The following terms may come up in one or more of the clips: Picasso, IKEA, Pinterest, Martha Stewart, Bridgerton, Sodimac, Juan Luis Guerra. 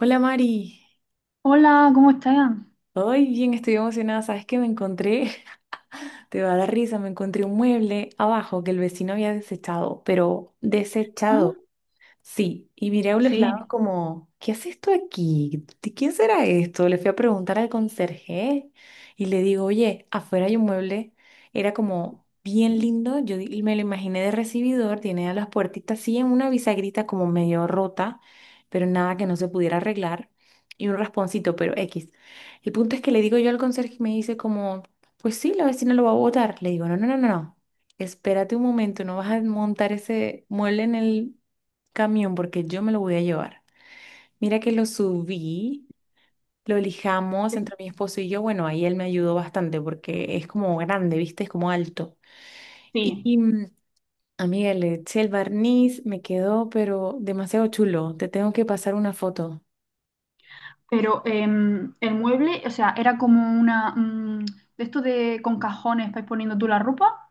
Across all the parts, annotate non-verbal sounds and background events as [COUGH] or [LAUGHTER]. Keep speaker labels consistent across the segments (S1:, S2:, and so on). S1: Hola Mari,
S2: Hola, ¿cómo están?
S1: hoy bien estoy emocionada, sabes que me encontré, [LAUGHS] te va a dar risa, me encontré un mueble abajo que el vecino había desechado, pero
S2: Ah,
S1: desechado. Sí, y miré a un
S2: Sí,
S1: lado como, ¿qué hace esto aquí? ¿De quién será esto? Le fui a preguntar al conserje y le digo, oye, afuera hay un mueble, era como bien lindo, me lo imaginé de recibidor, tiene a las puertitas así en una bisagrita como medio rota, pero nada que no se pudiera arreglar, y un rasponcito, pero X. El punto es que le digo yo al conserje y me dice como, pues sí, la vecina lo va a botar. Le digo, no, no, no, no, no, espérate un momento, no vas a montar ese mueble en el camión porque yo me lo voy a llevar. Mira que lo subí, lo lijamos
S2: sí,
S1: entre mi esposo y yo. Bueno, ahí él me ayudó bastante porque es como grande, ¿viste? Es como alto. Y,
S2: sí.
S1: y, mm, Amiga, le eché el barniz, me quedó, pero demasiado chulo. Te tengo que pasar una foto.
S2: Pero el mueble, o sea, era como una de esto de con cajones para ir poniendo tú la ropa.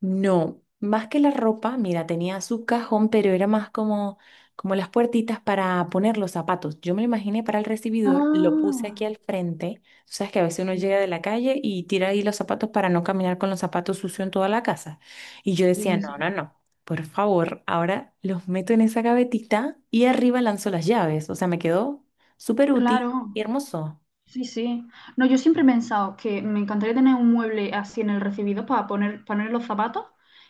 S1: No, más que la ropa, mira, tenía su cajón, pero era más como, como las puertitas para poner los zapatos. Yo me lo imaginé para el recibidor, lo puse aquí
S2: Ah,
S1: al frente. Tú sabes que a veces uno
S2: sí,
S1: llega de la calle y tira ahí los zapatos para no caminar con los zapatos sucios en toda la casa. Y yo
S2: sí,
S1: decía,
S2: sí.
S1: no,
S2: Sí.
S1: no, no, por favor, ahora los meto en esa gavetita y arriba lanzo las llaves. O sea, me quedó súper útil y
S2: Claro,
S1: hermoso.
S2: sí, sí. No, yo siempre he pensado que me encantaría tener un mueble así en el recibidor para poner los zapatos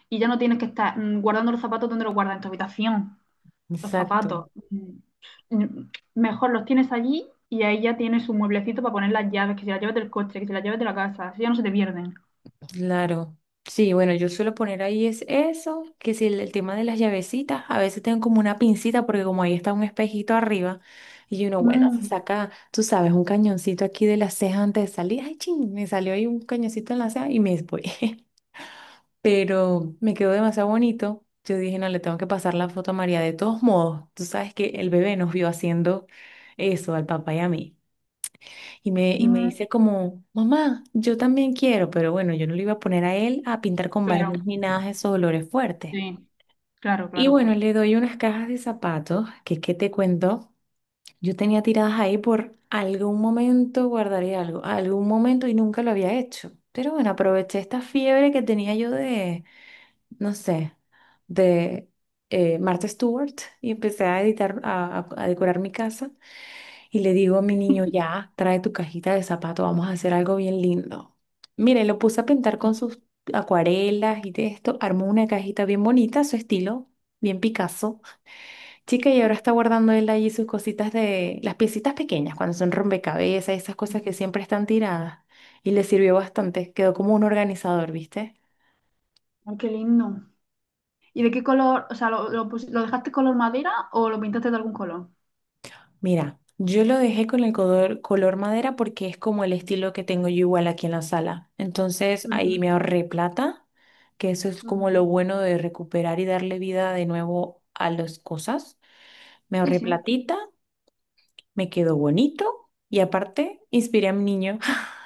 S2: y ya no tienes que estar guardando los zapatos donde los guardas en tu habitación. Los
S1: Exacto.
S2: zapatos. Mejor los tienes allí y ahí ya tienes un mueblecito para poner las llaves, que si las llaves del coche, que si las llaves de la casa, así ya no se te pierden.
S1: Claro. Sí, bueno, yo suelo poner ahí es eso, que si el tema de las llavecitas, a veces tengo como una pincita porque como ahí está un espejito arriba y uno, bueno, se
S2: Mm,
S1: saca, tú sabes, un cañoncito aquí de la ceja antes de salir, ay, ching, me salió ahí un cañoncito en la ceja y me voy. [LAUGHS] Pero me quedó demasiado bonito. Yo dije, no, le tengo que pasar la foto a María. De todos modos, tú sabes que el bebé nos vio haciendo eso al papá y a mí. Y me
S2: mm,
S1: dice como, mamá, yo también quiero, pero bueno, yo no le iba a poner a él a pintar con
S2: Claro,
S1: barniz ni nada de esos olores fuertes.
S2: sí, claro,
S1: Y
S2: claro.
S1: bueno, le doy unas cajas de zapatos, que qué te cuento, yo tenía tiradas ahí por algún momento, guardaría algo, algún momento y nunca lo había hecho. Pero bueno, aproveché esta fiebre que tenía yo de, no sé, de Martha Stewart y empecé a editar, a decorar mi casa. Y le digo a mi niño,
S2: [LAUGHS]
S1: ya, trae tu cajita de zapato, vamos a hacer algo bien lindo. Mire, lo puse a pintar con sus acuarelas y de esto, armó una cajita bien bonita, a su estilo, bien Picasso. Chica, y ahora está guardando él allí sus cositas de, las piecitas pequeñas, cuando son rompecabezas, esas cosas que siempre están tiradas. Y le sirvió bastante, quedó como un organizador, ¿viste?
S2: Ay, qué lindo. ¿Y de qué color? O sea, ¿lo, lo dejaste color madera o lo pintaste de algún color?
S1: Mira, yo lo dejé con el color, color madera porque es como el estilo que tengo yo igual aquí en la sala. Entonces ahí me ahorré plata, que eso es
S2: Ujú,
S1: como lo
S2: ujú.
S1: bueno de recuperar y darle vida de nuevo a las cosas. Me
S2: Sí,
S1: ahorré
S2: sí,
S1: platita, me quedó bonito y aparte inspiré a mi niño. [LAUGHS]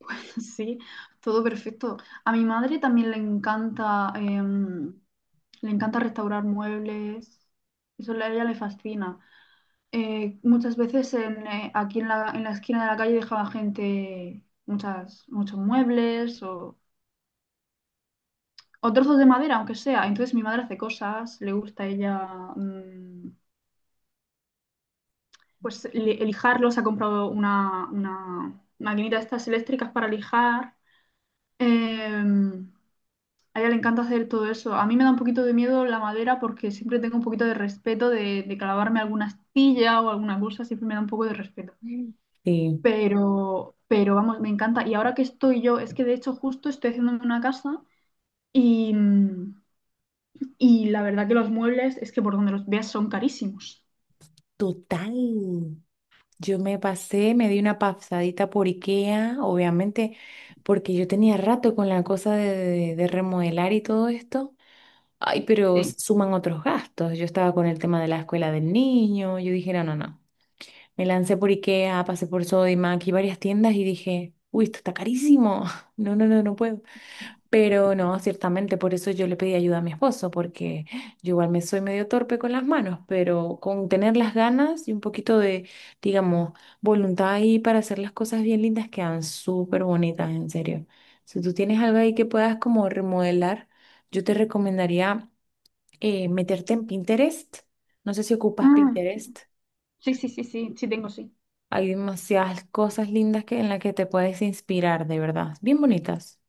S2: [LAUGHS] sí, todo perfecto. A mi madre también le encanta, le encanta restaurar muebles. Eso a ella le fascina. Muchas veces en, aquí en la esquina de la calle dejaba gente muchos muebles o trozos de madera, aunque sea. Entonces mi madre hace cosas, le gusta a ella mm, pues lijarlos, ha comprado una maquinita de estas eléctricas para lijar. Em, a ella le encanta hacer todo eso. A mí me da un poquito de miedo la madera porque siempre tengo un poquito de respeto de clavarme alguna astilla o alguna cosa, siempre me da un poco de respeto.
S1: Mm. Sí,
S2: Pero vamos, me encanta. Y ahora que estoy yo, es que de hecho justo estoy haciéndome una casa y, y la verdad que los muebles es que por donde los veas son carísimos.
S1: total. Yo me pasé, me di una pasadita por IKEA, obviamente, porque yo tenía rato con la cosa de, de remodelar y todo esto. Ay, pero
S2: Sí.
S1: suman otros gastos. Yo estaba con el tema de la escuela del niño. Yo dije, no, no, no. Me lancé por IKEA, pasé por Sodimac y varias tiendas y dije, uy, esto está carísimo. [LAUGHS] No, no, no, no puedo. Pero no, ciertamente, por eso yo le pedí ayuda a mi esposo, porque yo igual me soy medio torpe con las manos, pero con tener las ganas y un poquito de, digamos, voluntad ahí para hacer las cosas bien lindas quedan súper bonitas, en serio. Si tú tienes algo ahí que puedas como remodelar, yo te recomendaría meterte en Pinterest. No sé si ocupas
S2: Mm,
S1: Pinterest.
S2: sí, sí, sí, sí, sí tengo, sí.
S1: Hay demasiadas cosas lindas que, en las que te puedes inspirar, de verdad. Bien bonitas.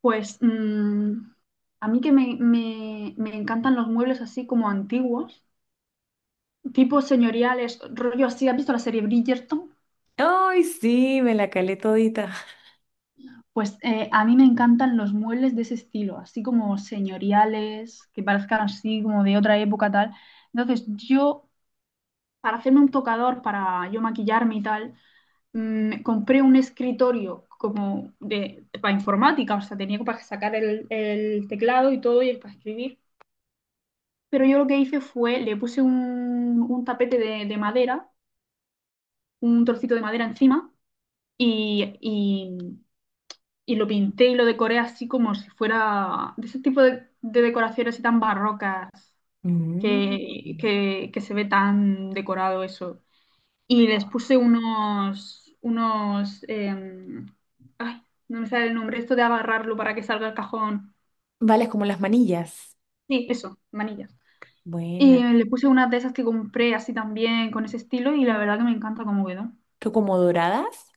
S2: Pues a mí que me encantan los muebles así como antiguos, tipo señoriales, rollo así. ¿Has visto la serie Bridgerton?
S1: ¡Ay, sí! Me la calé todita.
S2: Pues a mí me encantan los muebles de ese estilo, así como señoriales, que parezcan así como de otra época tal. Entonces yo para hacerme un tocador, para yo maquillarme y tal, compré un escritorio como de, para informática, o sea, tenía para sacar el teclado y todo y el para escribir. Pero yo lo que hice fue, le puse un tapete de madera, un trocito de madera encima y, y, y lo pinté y lo decoré así como si fuera de ese tipo de decoraciones así tan barrocas
S1: Mm.
S2: que se ve tan decorado eso. Y les puse unos, unos, ay, no me sale el nombre, esto de agarrarlo para que salga el cajón.
S1: Vale, es como las manillas.
S2: Sí, eso, manillas. Y
S1: Buena.
S2: le puse unas de esas que compré así también, con ese estilo, y la verdad que me encanta cómo quedó.
S1: ¿Tú como doradas?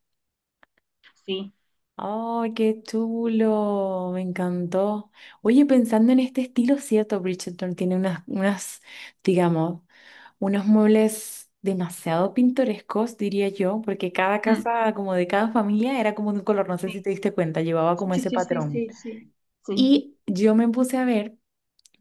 S2: Sí.
S1: ¡Ay, qué chulo! Me encantó. Oye, pensando en este estilo, cierto, Bridgerton tiene unas, unas, digamos, unos muebles demasiado pintorescos, diría yo, porque cada
S2: Mm,
S1: casa, como de cada familia, era como de un color, no sé
S2: sí,
S1: si te diste cuenta, llevaba
S2: sí,
S1: como ese
S2: sí, sí,
S1: patrón.
S2: sí, sí. Sí.
S1: Y yo me puse a ver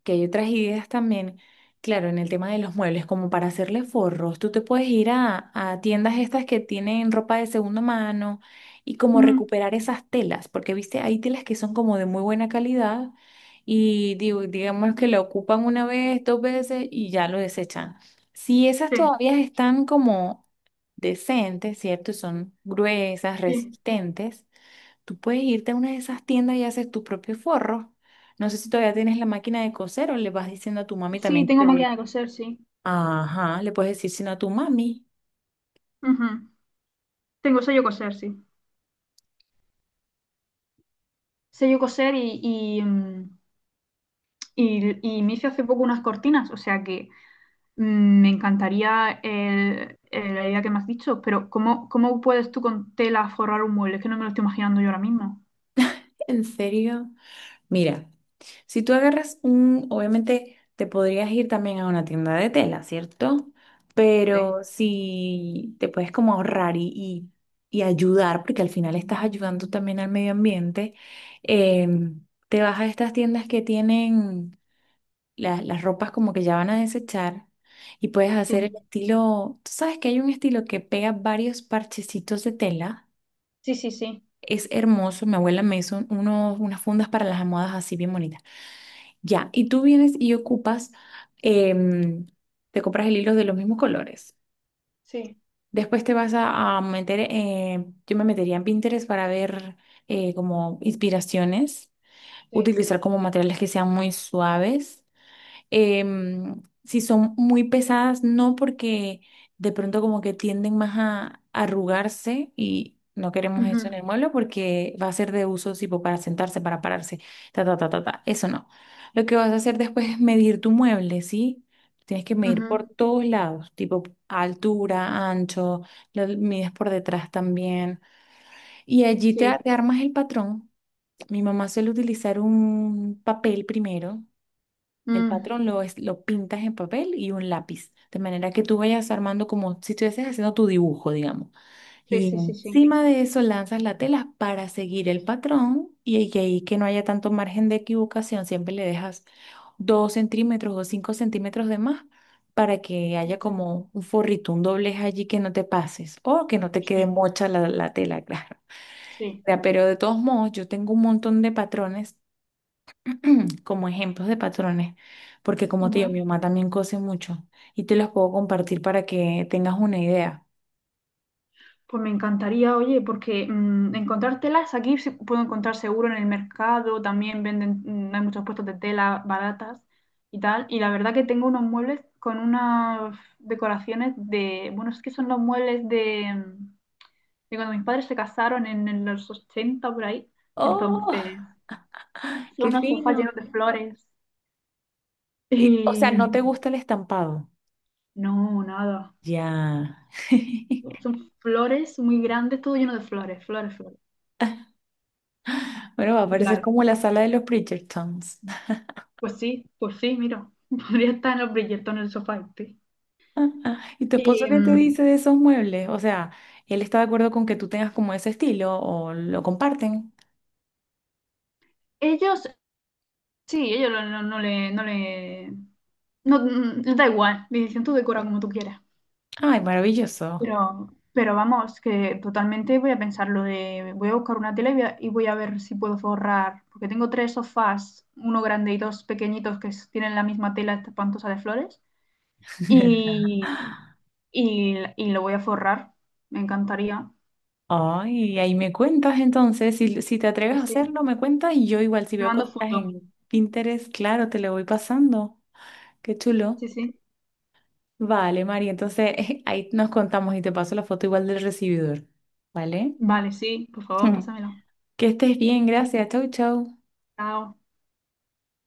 S1: que hay otras ideas también, claro, en el tema de los muebles, como para hacerle forros, tú te puedes ir a tiendas estas que tienen ropa de segunda mano y como
S2: Mm,
S1: recuperar esas telas, porque viste, hay telas que son como de muy buena calidad y digo, digamos que la ocupan una vez, dos veces y ya lo desechan. Si esas
S2: sí,
S1: todavía están como decentes, ¿cierto? Son gruesas,
S2: sí.
S1: resistentes. Tú puedes irte a una de esas tiendas y haces tus propios forros. No sé si todavía tienes la máquina de coser o le vas diciendo a tu mami
S2: Sí,
S1: también que
S2: tengo
S1: te
S2: máquina
S1: dé.
S2: de coser, sí.
S1: Ajá, le puedes decir sino a tu mami.
S2: Ujú. Tengo sello coser, sí. Sello coser y, y me hice hace poco unas cortinas, o sea que... me encantaría la idea que me has dicho, pero ¿cómo, cómo puedes tú con tela forrar un mueble? Es que no me lo estoy imaginando yo ahora mismo.
S1: ¿En serio? Mira, si tú agarras un, obviamente te podrías ir también a una tienda de tela, ¿cierto?
S2: Sí,
S1: Pero si te puedes como ahorrar y, y ayudar, porque al final estás ayudando también al medio ambiente, em, te vas a estas tiendas que tienen las ropas como que ya van a desechar y puedes hacer el
S2: sí,
S1: estilo, tú sabes que hay un estilo que pega varios parchecitos de tela,
S2: sí, sí, sí,
S1: es hermoso, mi abuela me hizo unos, unas fundas para las almohadas así bien bonitas. Ya, y tú vienes y ocupas, em, te compras el hilo de los mismos colores.
S2: sí,
S1: Después te vas a meter, yo me metería en Pinterest para ver como inspiraciones,
S2: sí.
S1: utilizar como materiales que sean muy suaves. Em, si son muy pesadas, no porque de pronto como que tienden más a arrugarse y no queremos eso
S2: Ujú,
S1: en el mueble porque va a ser de uso tipo para sentarse, para pararse, ta, ta, ta, ta, ta. Eso no. Lo que vas a hacer después es medir tu mueble, ¿sí? Tienes que medir por
S2: ujú,
S1: todos lados, tipo altura, ancho, lo mides por detrás también. Y allí te,
S2: sí.
S1: te armas el patrón. Mi mamá suele utilizar un papel primero, el
S2: Mm,
S1: patrón lo, lo pintas en papel y un lápiz, de manera que tú vayas armando como si estuvieses haciendo tu dibujo, digamos.
S2: sí,
S1: Y
S2: sí, sí, sí.
S1: encima de eso lanzas la tela para seguir el patrón y ahí que no haya tanto margen de equivocación, siempre le dejas 2 centímetros o 5 centímetros de más para que haya
S2: Ujú,
S1: como un forrito, un doblez allí que no te pases o que no te quede
S2: sí,
S1: mocha la, la tela, [LAUGHS] claro. O
S2: sí.
S1: sea, pero de todos modos, yo tengo un montón de patrones [CLEARS THROAT] como ejemplos de patrones, porque como te digo, mi mamá también cose mucho y te los puedo compartir para que tengas una idea.
S2: Pues me encantaría, oye, porque encontrar telas aquí se puedo encontrar seguro en el mercado, también venden, hay muchos puestos de tela baratas y tal. Y la verdad que tengo unos muebles con unas decoraciones de, bueno, es que son los muebles de, de cuando mis padres se casaron en los 80 por ahí.
S1: ¡Oh,
S2: Entonces,
S1: [LAUGHS]
S2: son
S1: qué
S2: unos sofás
S1: fino!
S2: llenos de flores.
S1: Y, o sea,
S2: Y
S1: ¿no te gusta el estampado?
S2: no, nada.
S1: Ya. [LAUGHS]
S2: Son flores muy grandes, todo lleno de flores, flores, flores.
S1: Bueno, va a
S2: Y
S1: parecer
S2: claro.
S1: como la sala de los Bridgertons.
S2: Pues sí, mira, [LAUGHS] podría estar en los brillantes en el sofá este.
S1: [LAUGHS] ¿Y tu esposo
S2: Y
S1: qué te dice de esos muebles? O sea, ¿él está de acuerdo con que tú tengas como ese estilo o lo comparten?
S2: ellos, sí, ellos no le, no, les da igual, le dicen tú decora como tú quieras.
S1: Ay, maravilloso.
S2: Pero vamos, que totalmente voy a pensar lo de, voy a buscar una tele y voy a ver si puedo forrar, porque tengo tres sofás, uno grande y dos pequeñitos que tienen la misma tela esta espantosa de flores,
S1: [LAUGHS]
S2: y, y lo voy a forrar, me encantaría.
S1: Ay, ahí me cuentas entonces, si, si te atreves a
S2: Pues sí,
S1: hacerlo, me cuentas y yo igual si
S2: te
S1: veo
S2: mando
S1: cosas
S2: foto.
S1: en Pinterest, claro, te lo voy pasando. Qué chulo.
S2: Sí, sí.
S1: Vale, María, entonces [LAUGHS] ahí nos contamos y te paso la foto igual del recibidor. ¿Vale?
S2: Vale, sí, por favor,
S1: [LAUGHS]
S2: pásamelo.
S1: Que estés bien, gracias. Chau, chau.
S2: Chao.